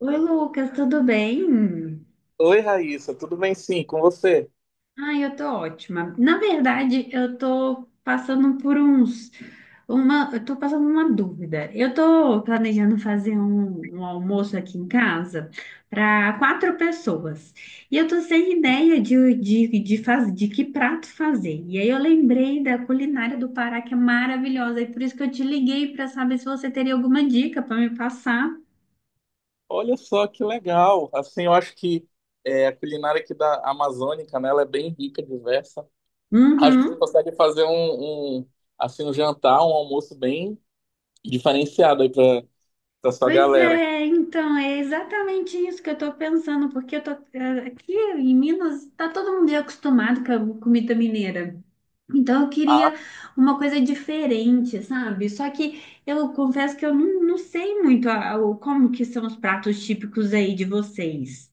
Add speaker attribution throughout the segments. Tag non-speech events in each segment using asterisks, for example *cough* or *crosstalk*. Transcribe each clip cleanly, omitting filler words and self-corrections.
Speaker 1: Oi, Lucas, tudo bem?
Speaker 2: Oi, Raíssa, tudo bem sim, com você?
Speaker 1: Ai, eu tô ótima. Na verdade, eu tô passando uma dúvida. Eu tô planejando fazer um almoço aqui em casa para quatro pessoas. E eu tô sem ideia de que prato fazer. E aí eu lembrei da culinária do Pará, que é maravilhosa, e por isso que eu te liguei para saber se você teria alguma dica para me passar.
Speaker 2: Olha só que legal. Assim, eu acho que a culinária aqui da Amazônica, né, ela é bem rica, diversa. Acho que você
Speaker 1: Uhum.
Speaker 2: consegue fazer assim, um jantar, um almoço bem diferenciado aí para para sua
Speaker 1: Pois
Speaker 2: galera.
Speaker 1: é, então é exatamente isso que eu tô pensando, porque eu tô aqui em Minas, tá todo mundo acostumado com a comida mineira. Então eu
Speaker 2: Ah,
Speaker 1: queria uma coisa diferente, sabe? Só que eu confesso que eu não, não sei muito a- o como que são os pratos típicos aí de vocês.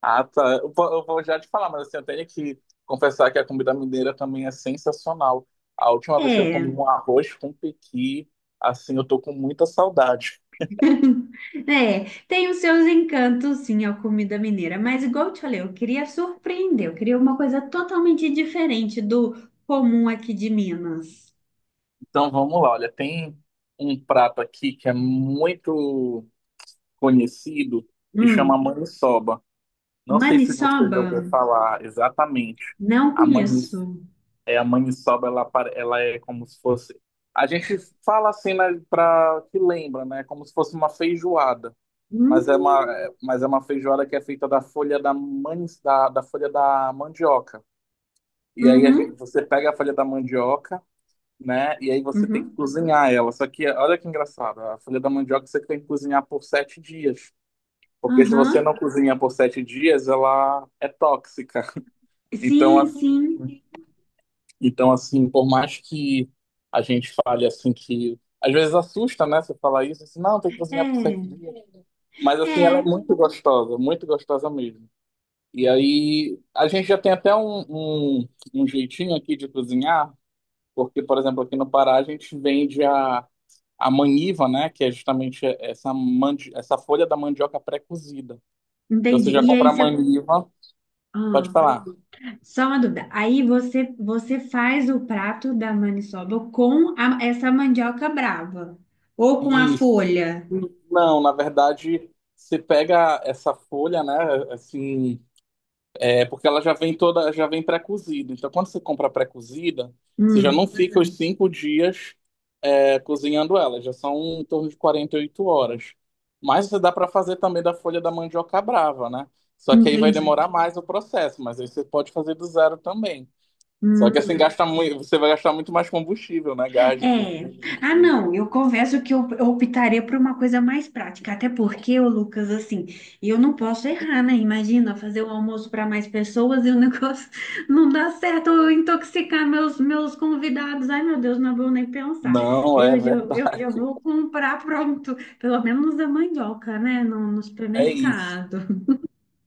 Speaker 2: ah, tá. Eu, eu vou já te falar, mas assim, eu tenho que confessar que a comida mineira também é sensacional. A última vez que eu comi
Speaker 1: É,
Speaker 2: um arroz com pequi, assim, eu tô com muita saudade.
Speaker 1: *laughs* é, tem os seus encantos, sim, a comida mineira, mas igual eu te falei, eu queria surpreender, eu queria uma coisa totalmente diferente do comum aqui de Minas.
Speaker 2: Então vamos lá, olha, tem um prato aqui que é muito conhecido que chama
Speaker 1: Hum.
Speaker 2: maniçoba. Não sei se você já
Speaker 1: Maniçoba?
Speaker 2: ouviu falar exatamente.
Speaker 1: Não
Speaker 2: A manis,
Speaker 1: conheço.
Speaker 2: é a maniçoba, ela, ela é como se fosse. A gente fala assim, né, para que lembra, né? Como se fosse uma feijoada, mas é uma,
Speaker 1: Hum,
Speaker 2: mas é uma feijoada que é feita da folha da, da folha da mandioca. E aí a gente,
Speaker 1: uhum,
Speaker 2: você pega a folha da mandioca, né? E aí você tem que
Speaker 1: uhum,
Speaker 2: cozinhar ela. Só que olha que engraçado, a folha da mandioca você tem que cozinhar por sete dias. Porque se você
Speaker 1: aham.
Speaker 2: não cozinha por sete dias, ela é tóxica. Então,
Speaker 1: Sim, sim.
Speaker 2: assim, então, assim, por mais que a gente fale assim que. Às vezes assusta, né? Você falar isso, assim, não, tem que cozinhar por sete
Speaker 1: É,
Speaker 2: dias. Mas assim, ela é
Speaker 1: é.
Speaker 2: muito gostosa mesmo. E aí, a gente já tem até um jeitinho aqui de cozinhar, porque, por exemplo, aqui no Pará a gente vende a maniva, né? Que é justamente essa, mandi essa folha da mandioca pré-cozida. Então você
Speaker 1: Entendi.
Speaker 2: já
Speaker 1: E aí
Speaker 2: compra a
Speaker 1: você.
Speaker 2: maniva, pode
Speaker 1: Ah,
Speaker 2: falar.
Speaker 1: só uma dúvida. Você faz o prato da maniçoba com essa mandioca brava ou com a
Speaker 2: Isso.
Speaker 1: folha?
Speaker 2: Não, na verdade, você pega essa folha, né? Assim, é porque ela já vem toda, já vem pré-cozida. Então, quando você compra pré-cozida, você já não
Speaker 1: Hum,
Speaker 2: fica os cinco dias cozinhando ela, já são em torno de 48 horas. Mas você dá para fazer também da folha da mandioca brava, né? Só que aí vai
Speaker 1: entendi.
Speaker 2: demorar mais o processo, mas aí você pode fazer do zero também. Só que assim
Speaker 1: Hum.
Speaker 2: gasta muito, você vai gastar muito mais combustível, né?
Speaker 1: É. Ah, não, eu confesso que eu optaria por uma coisa mais prática, até porque, ô Lucas, assim, eu não posso errar, né? Imagina fazer o almoço para mais pessoas e o negócio *laughs* não dá certo, eu intoxicar meus convidados. Ai, meu Deus, não vou nem pensar.
Speaker 2: Não, é
Speaker 1: Eu já
Speaker 2: verdade.
Speaker 1: vou comprar pronto, pelo menos a mandioca, né? No
Speaker 2: É isso.
Speaker 1: supermercado.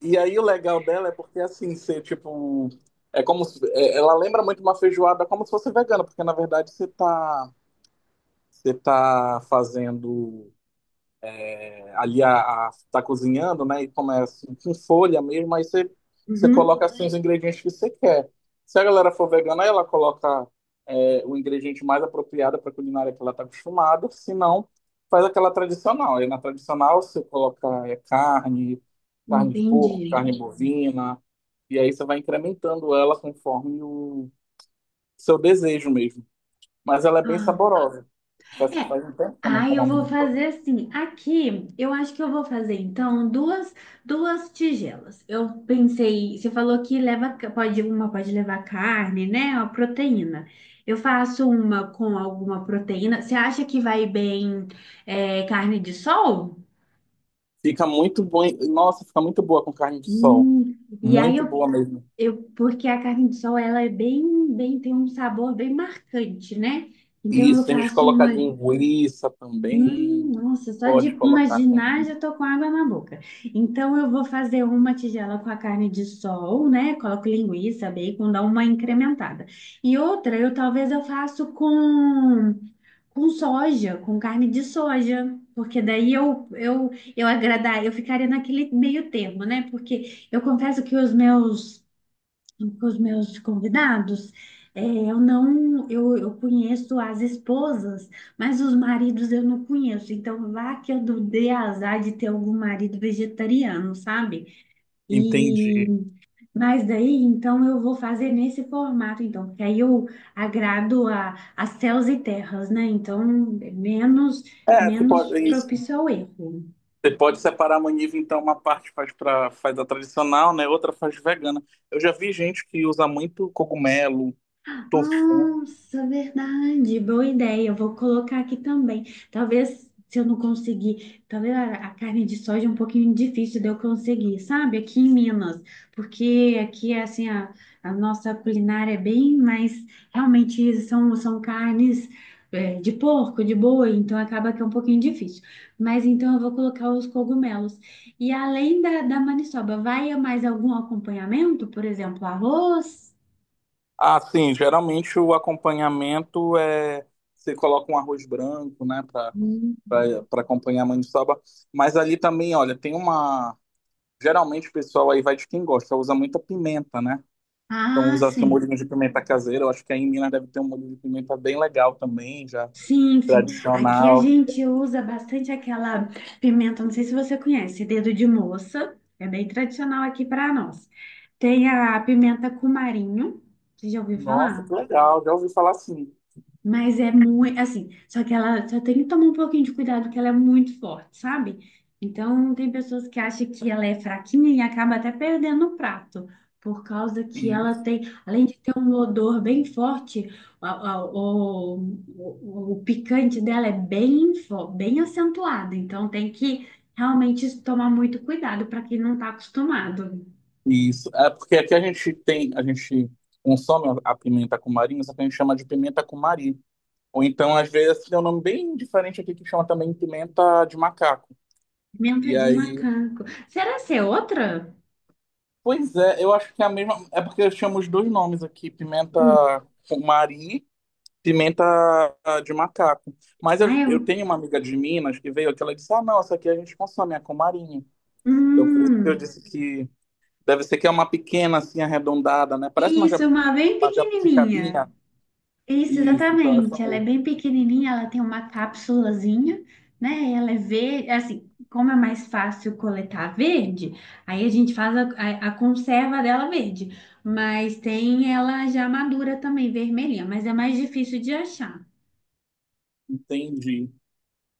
Speaker 2: E aí o legal dela é porque assim, você tipo, é como se- é- ela lembra muito uma feijoada como se fosse vegana, porque na verdade você tá fazendo ali a tá cozinhando, né? E começa com folha mesmo, você
Speaker 1: Uhum,
Speaker 2: coloca assim os ingredientes que você quer. Se a galera for vegana, aí ela coloca o ingrediente mais apropriado para a culinária que ela está acostumada, se não, faz aquela tradicional. Aí na tradicional você coloca carne, carne de porco,
Speaker 1: entendi.
Speaker 2: carne bovina, e aí você vai incrementando ela conforme o seu desejo mesmo. Mas ela é bem saborosa. Faz,
Speaker 1: É.
Speaker 2: faz um tempo que eu não
Speaker 1: Ai,
Speaker 2: como
Speaker 1: eu
Speaker 2: a.
Speaker 1: vou fazer assim. Aqui, eu acho que eu vou fazer então duas tigelas. Eu pensei, você falou que leva pode uma pode levar carne, né? A proteína. Eu faço uma com alguma proteína. Você acha que vai bem carne de sol?
Speaker 2: Fica muito bom. Nossa, fica muito boa com carne de sol.
Speaker 1: Hum, e aí
Speaker 2: Muito
Speaker 1: eu,
Speaker 2: boa mesmo.
Speaker 1: eu porque a carne de sol ela é bem tem um sabor bem marcante, né? Então eu
Speaker 2: Isso, tem gente que
Speaker 1: faço
Speaker 2: coloca
Speaker 1: uma
Speaker 2: linguiça também.
Speaker 1: Nossa, só de
Speaker 2: Pode colocar
Speaker 1: imaginar já
Speaker 2: também.
Speaker 1: tô com água na boca. Então eu vou fazer uma tigela com a carne de sol, né? Coloco linguiça, bacon, dá uma incrementada. E outra, eu faço com com carne de soja, porque daí eu agradar, eu ficaria naquele meio termo, né? Porque eu confesso que os meus com os meus convidados, é, eu não, eu conheço as esposas, mas os maridos eu não conheço. Então, vá que eu dei azar de ter algum marido vegetariano, sabe? E,
Speaker 2: Entendi.
Speaker 1: mas daí, então, eu vou fazer nesse formato, então, porque aí eu agrado a céus e terras, né? Então, menos,
Speaker 2: É, você
Speaker 1: menos
Speaker 2: pode, é isso.
Speaker 1: propício ao erro.
Speaker 2: Você pode separar a maniva, então uma parte faz para faz a tradicional, né? Outra faz vegana. Eu já vi gente que usa muito cogumelo, tofu.
Speaker 1: Nossa, verdade, boa ideia. Eu vou colocar aqui também. Talvez se eu não conseguir, talvez a carne de soja é um pouquinho difícil de eu conseguir, sabe? Aqui em Minas, porque aqui é assim a nossa culinária é bem, mas realmente são carnes de porco, de boi, então acaba que é um pouquinho difícil. Mas então eu vou colocar os cogumelos. E além da maniçoba, vai mais algum acompanhamento? Por exemplo, arroz?
Speaker 2: Ah, sim, geralmente o acompanhamento é você coloca um arroz branco, né, para para acompanhar a maniçoba, mas ali também, olha, tem uma. Geralmente o pessoal aí vai de quem gosta, usa muita pimenta, né? Então
Speaker 1: Ah,
Speaker 2: usa seu
Speaker 1: sim.
Speaker 2: molhinho de pimenta caseira. Eu acho que aí em Minas deve ter um molho de pimenta bem legal também, já
Speaker 1: Sim, sim. Aqui a
Speaker 2: tradicional.
Speaker 1: gente usa bastante aquela pimenta, não sei se você conhece, dedo de moça. É bem tradicional aqui para nós. Tem a pimenta cumarinho. Você já ouviu
Speaker 2: Nossa,
Speaker 1: falar?
Speaker 2: que legal, já ouvi falar assim.
Speaker 1: Mas é muito, assim, só que ela só tem que tomar um pouquinho de cuidado, porque ela é muito forte, sabe? Então, tem pessoas que acham que ela é fraquinha e acaba até perdendo o prato, por causa que ela
Speaker 2: Isso.
Speaker 1: tem, além de ter um odor bem forte, a- a- o, o picante dela é bem, bem acentuado. Então, tem que realmente tomar muito cuidado para quem não está acostumado.
Speaker 2: Isso. É porque aqui a gente tem, a gente consome a pimenta cumari, só que a gente chama de pimenta cumari. Ou então, às vezes, tem um nome bem diferente aqui que chama também pimenta de macaco.
Speaker 1: Pimenta
Speaker 2: E
Speaker 1: de
Speaker 2: aí,
Speaker 1: macaco. Será que é outra?
Speaker 2: pois é, eu acho que é a mesma. É porque eu chamo os dois nomes aqui, pimenta
Speaker 1: Hum.
Speaker 2: cumari. Pimenta de macaco. Mas
Speaker 1: Ah,
Speaker 2: eu
Speaker 1: eu.
Speaker 2: tenho uma amiga de Minas que veio aqui, ela disse: "Ah, não, essa aqui a gente consome, é com marinho". Então, por isso que eu
Speaker 1: Hum.
Speaker 2: disse que deve ser que é uma pequena, assim, arredondada, né?
Speaker 1: Isso, uma bem
Speaker 2: Uma
Speaker 1: pequenininha.
Speaker 2: jabuticabinha.
Speaker 1: Isso,
Speaker 2: Isso, então, é essa
Speaker 1: exatamente. Ela é
Speaker 2: mesmo.
Speaker 1: bem pequenininha, ela tem uma cápsulazinha, né? Ela é verde, assim, como é mais fácil coletar verde, aí a gente faz a conserva dela verde. Mas tem ela já madura também, vermelhinha, mas é mais difícil de achar.
Speaker 2: Entendi.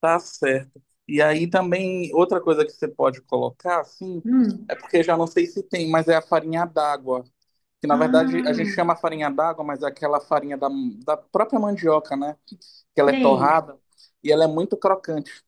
Speaker 2: Tá certo. E aí também, outra coisa que você pode colocar, assim,
Speaker 1: Hum.
Speaker 2: é porque já não sei se tem, mas é a farinha d'água. Que na verdade a gente
Speaker 1: Ah,
Speaker 2: chama farinha d'água, mas é aquela farinha da, da própria mandioca, né? Que ela é
Speaker 1: sei.
Speaker 2: torrada e ela é muito crocante.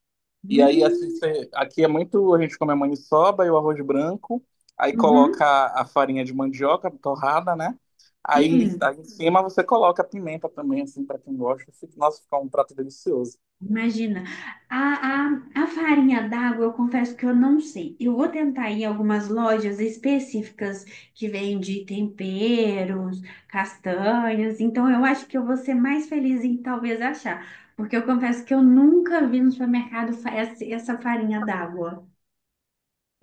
Speaker 2: E aí, assim,
Speaker 1: Hum,
Speaker 2: aqui é muito. A gente come a maniçoba e o arroz branco, aí coloca
Speaker 1: uhum.
Speaker 2: a farinha de mandioca torrada, né?
Speaker 1: Sim.
Speaker 2: Aí em cima você coloca a pimenta também, assim, para quem gosta. Nossa, fica um prato delicioso.
Speaker 1: Imagina, a, a farinha d'água, eu confesso que eu não sei. Eu vou tentar ir em algumas lojas específicas que vende temperos, castanhas. Então, eu acho que eu vou ser mais feliz em talvez achar, porque eu confesso que eu nunca vi no supermercado essa farinha d'água.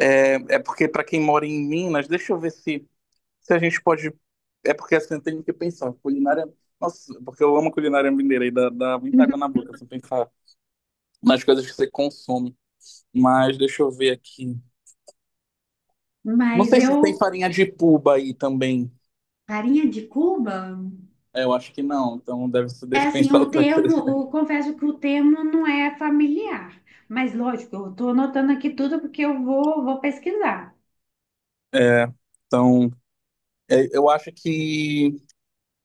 Speaker 2: É, é porque, para quem mora em Minas, deixa eu ver se, se a gente pode. É porque, assim, eu tenho que pensar. Culinária. Nossa, porque eu amo culinária mineira e dá muita água na
Speaker 1: *laughs*
Speaker 2: boca, se eu pensar nas coisas que você consome. Mas deixa eu ver aqui. Não
Speaker 1: Mas
Speaker 2: sei se tem
Speaker 1: eu,
Speaker 2: farinha de puba aí também.
Speaker 1: farinha de Cuba?
Speaker 2: É, eu acho que não, então deve ser,
Speaker 1: É
Speaker 2: deixa eu
Speaker 1: assim,
Speaker 2: pensar
Speaker 1: o
Speaker 2: outra
Speaker 1: termo,
Speaker 2: coisa.
Speaker 1: O confesso que o termo não é familiar. Mas lógico, eu estou anotando aqui tudo porque vou pesquisar.
Speaker 2: É, então, eu acho que,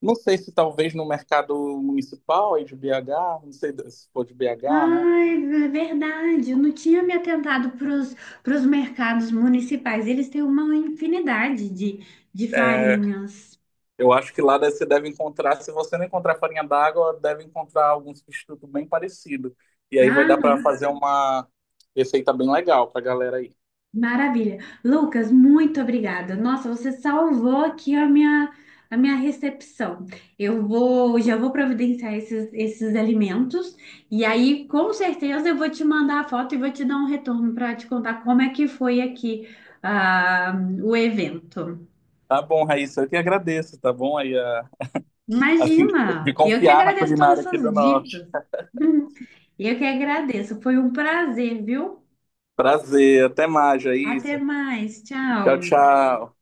Speaker 2: não sei se talvez no mercado municipal aí de BH, não sei se for de BH, né?
Speaker 1: Ai, é verdade. Eu não tinha me atentado para os mercados municipais. Eles têm uma infinidade de
Speaker 2: É,
Speaker 1: farinhas.
Speaker 2: eu acho que lá você deve encontrar, se você não encontrar farinha d'água, deve encontrar algum substituto bem parecido. E aí vai
Speaker 1: Ah,
Speaker 2: dar para
Speaker 1: não.
Speaker 2: fazer uma receita bem legal pra galera aí.
Speaker 1: Maravilha. Lucas, muito obrigada. Nossa, você salvou aqui a minha recepção. Já vou providenciar esses alimentos e aí, com certeza, eu vou te mandar a foto e vou te dar um retorno para te contar como é que foi aqui, ah, o evento.
Speaker 2: Tá bom, Raíssa, eu que agradeço, tá bom? Assim, de
Speaker 1: Imagina! Eu que
Speaker 2: confiar na
Speaker 1: agradeço todas
Speaker 2: culinária aqui
Speaker 1: essas
Speaker 2: do norte.
Speaker 1: dicas. *laughs* Eu que agradeço. Foi um prazer, viu?
Speaker 2: Prazer, até mais, é
Speaker 1: Até
Speaker 2: isso.
Speaker 1: mais.
Speaker 2: Tchau,
Speaker 1: Tchau.
Speaker 2: tchau.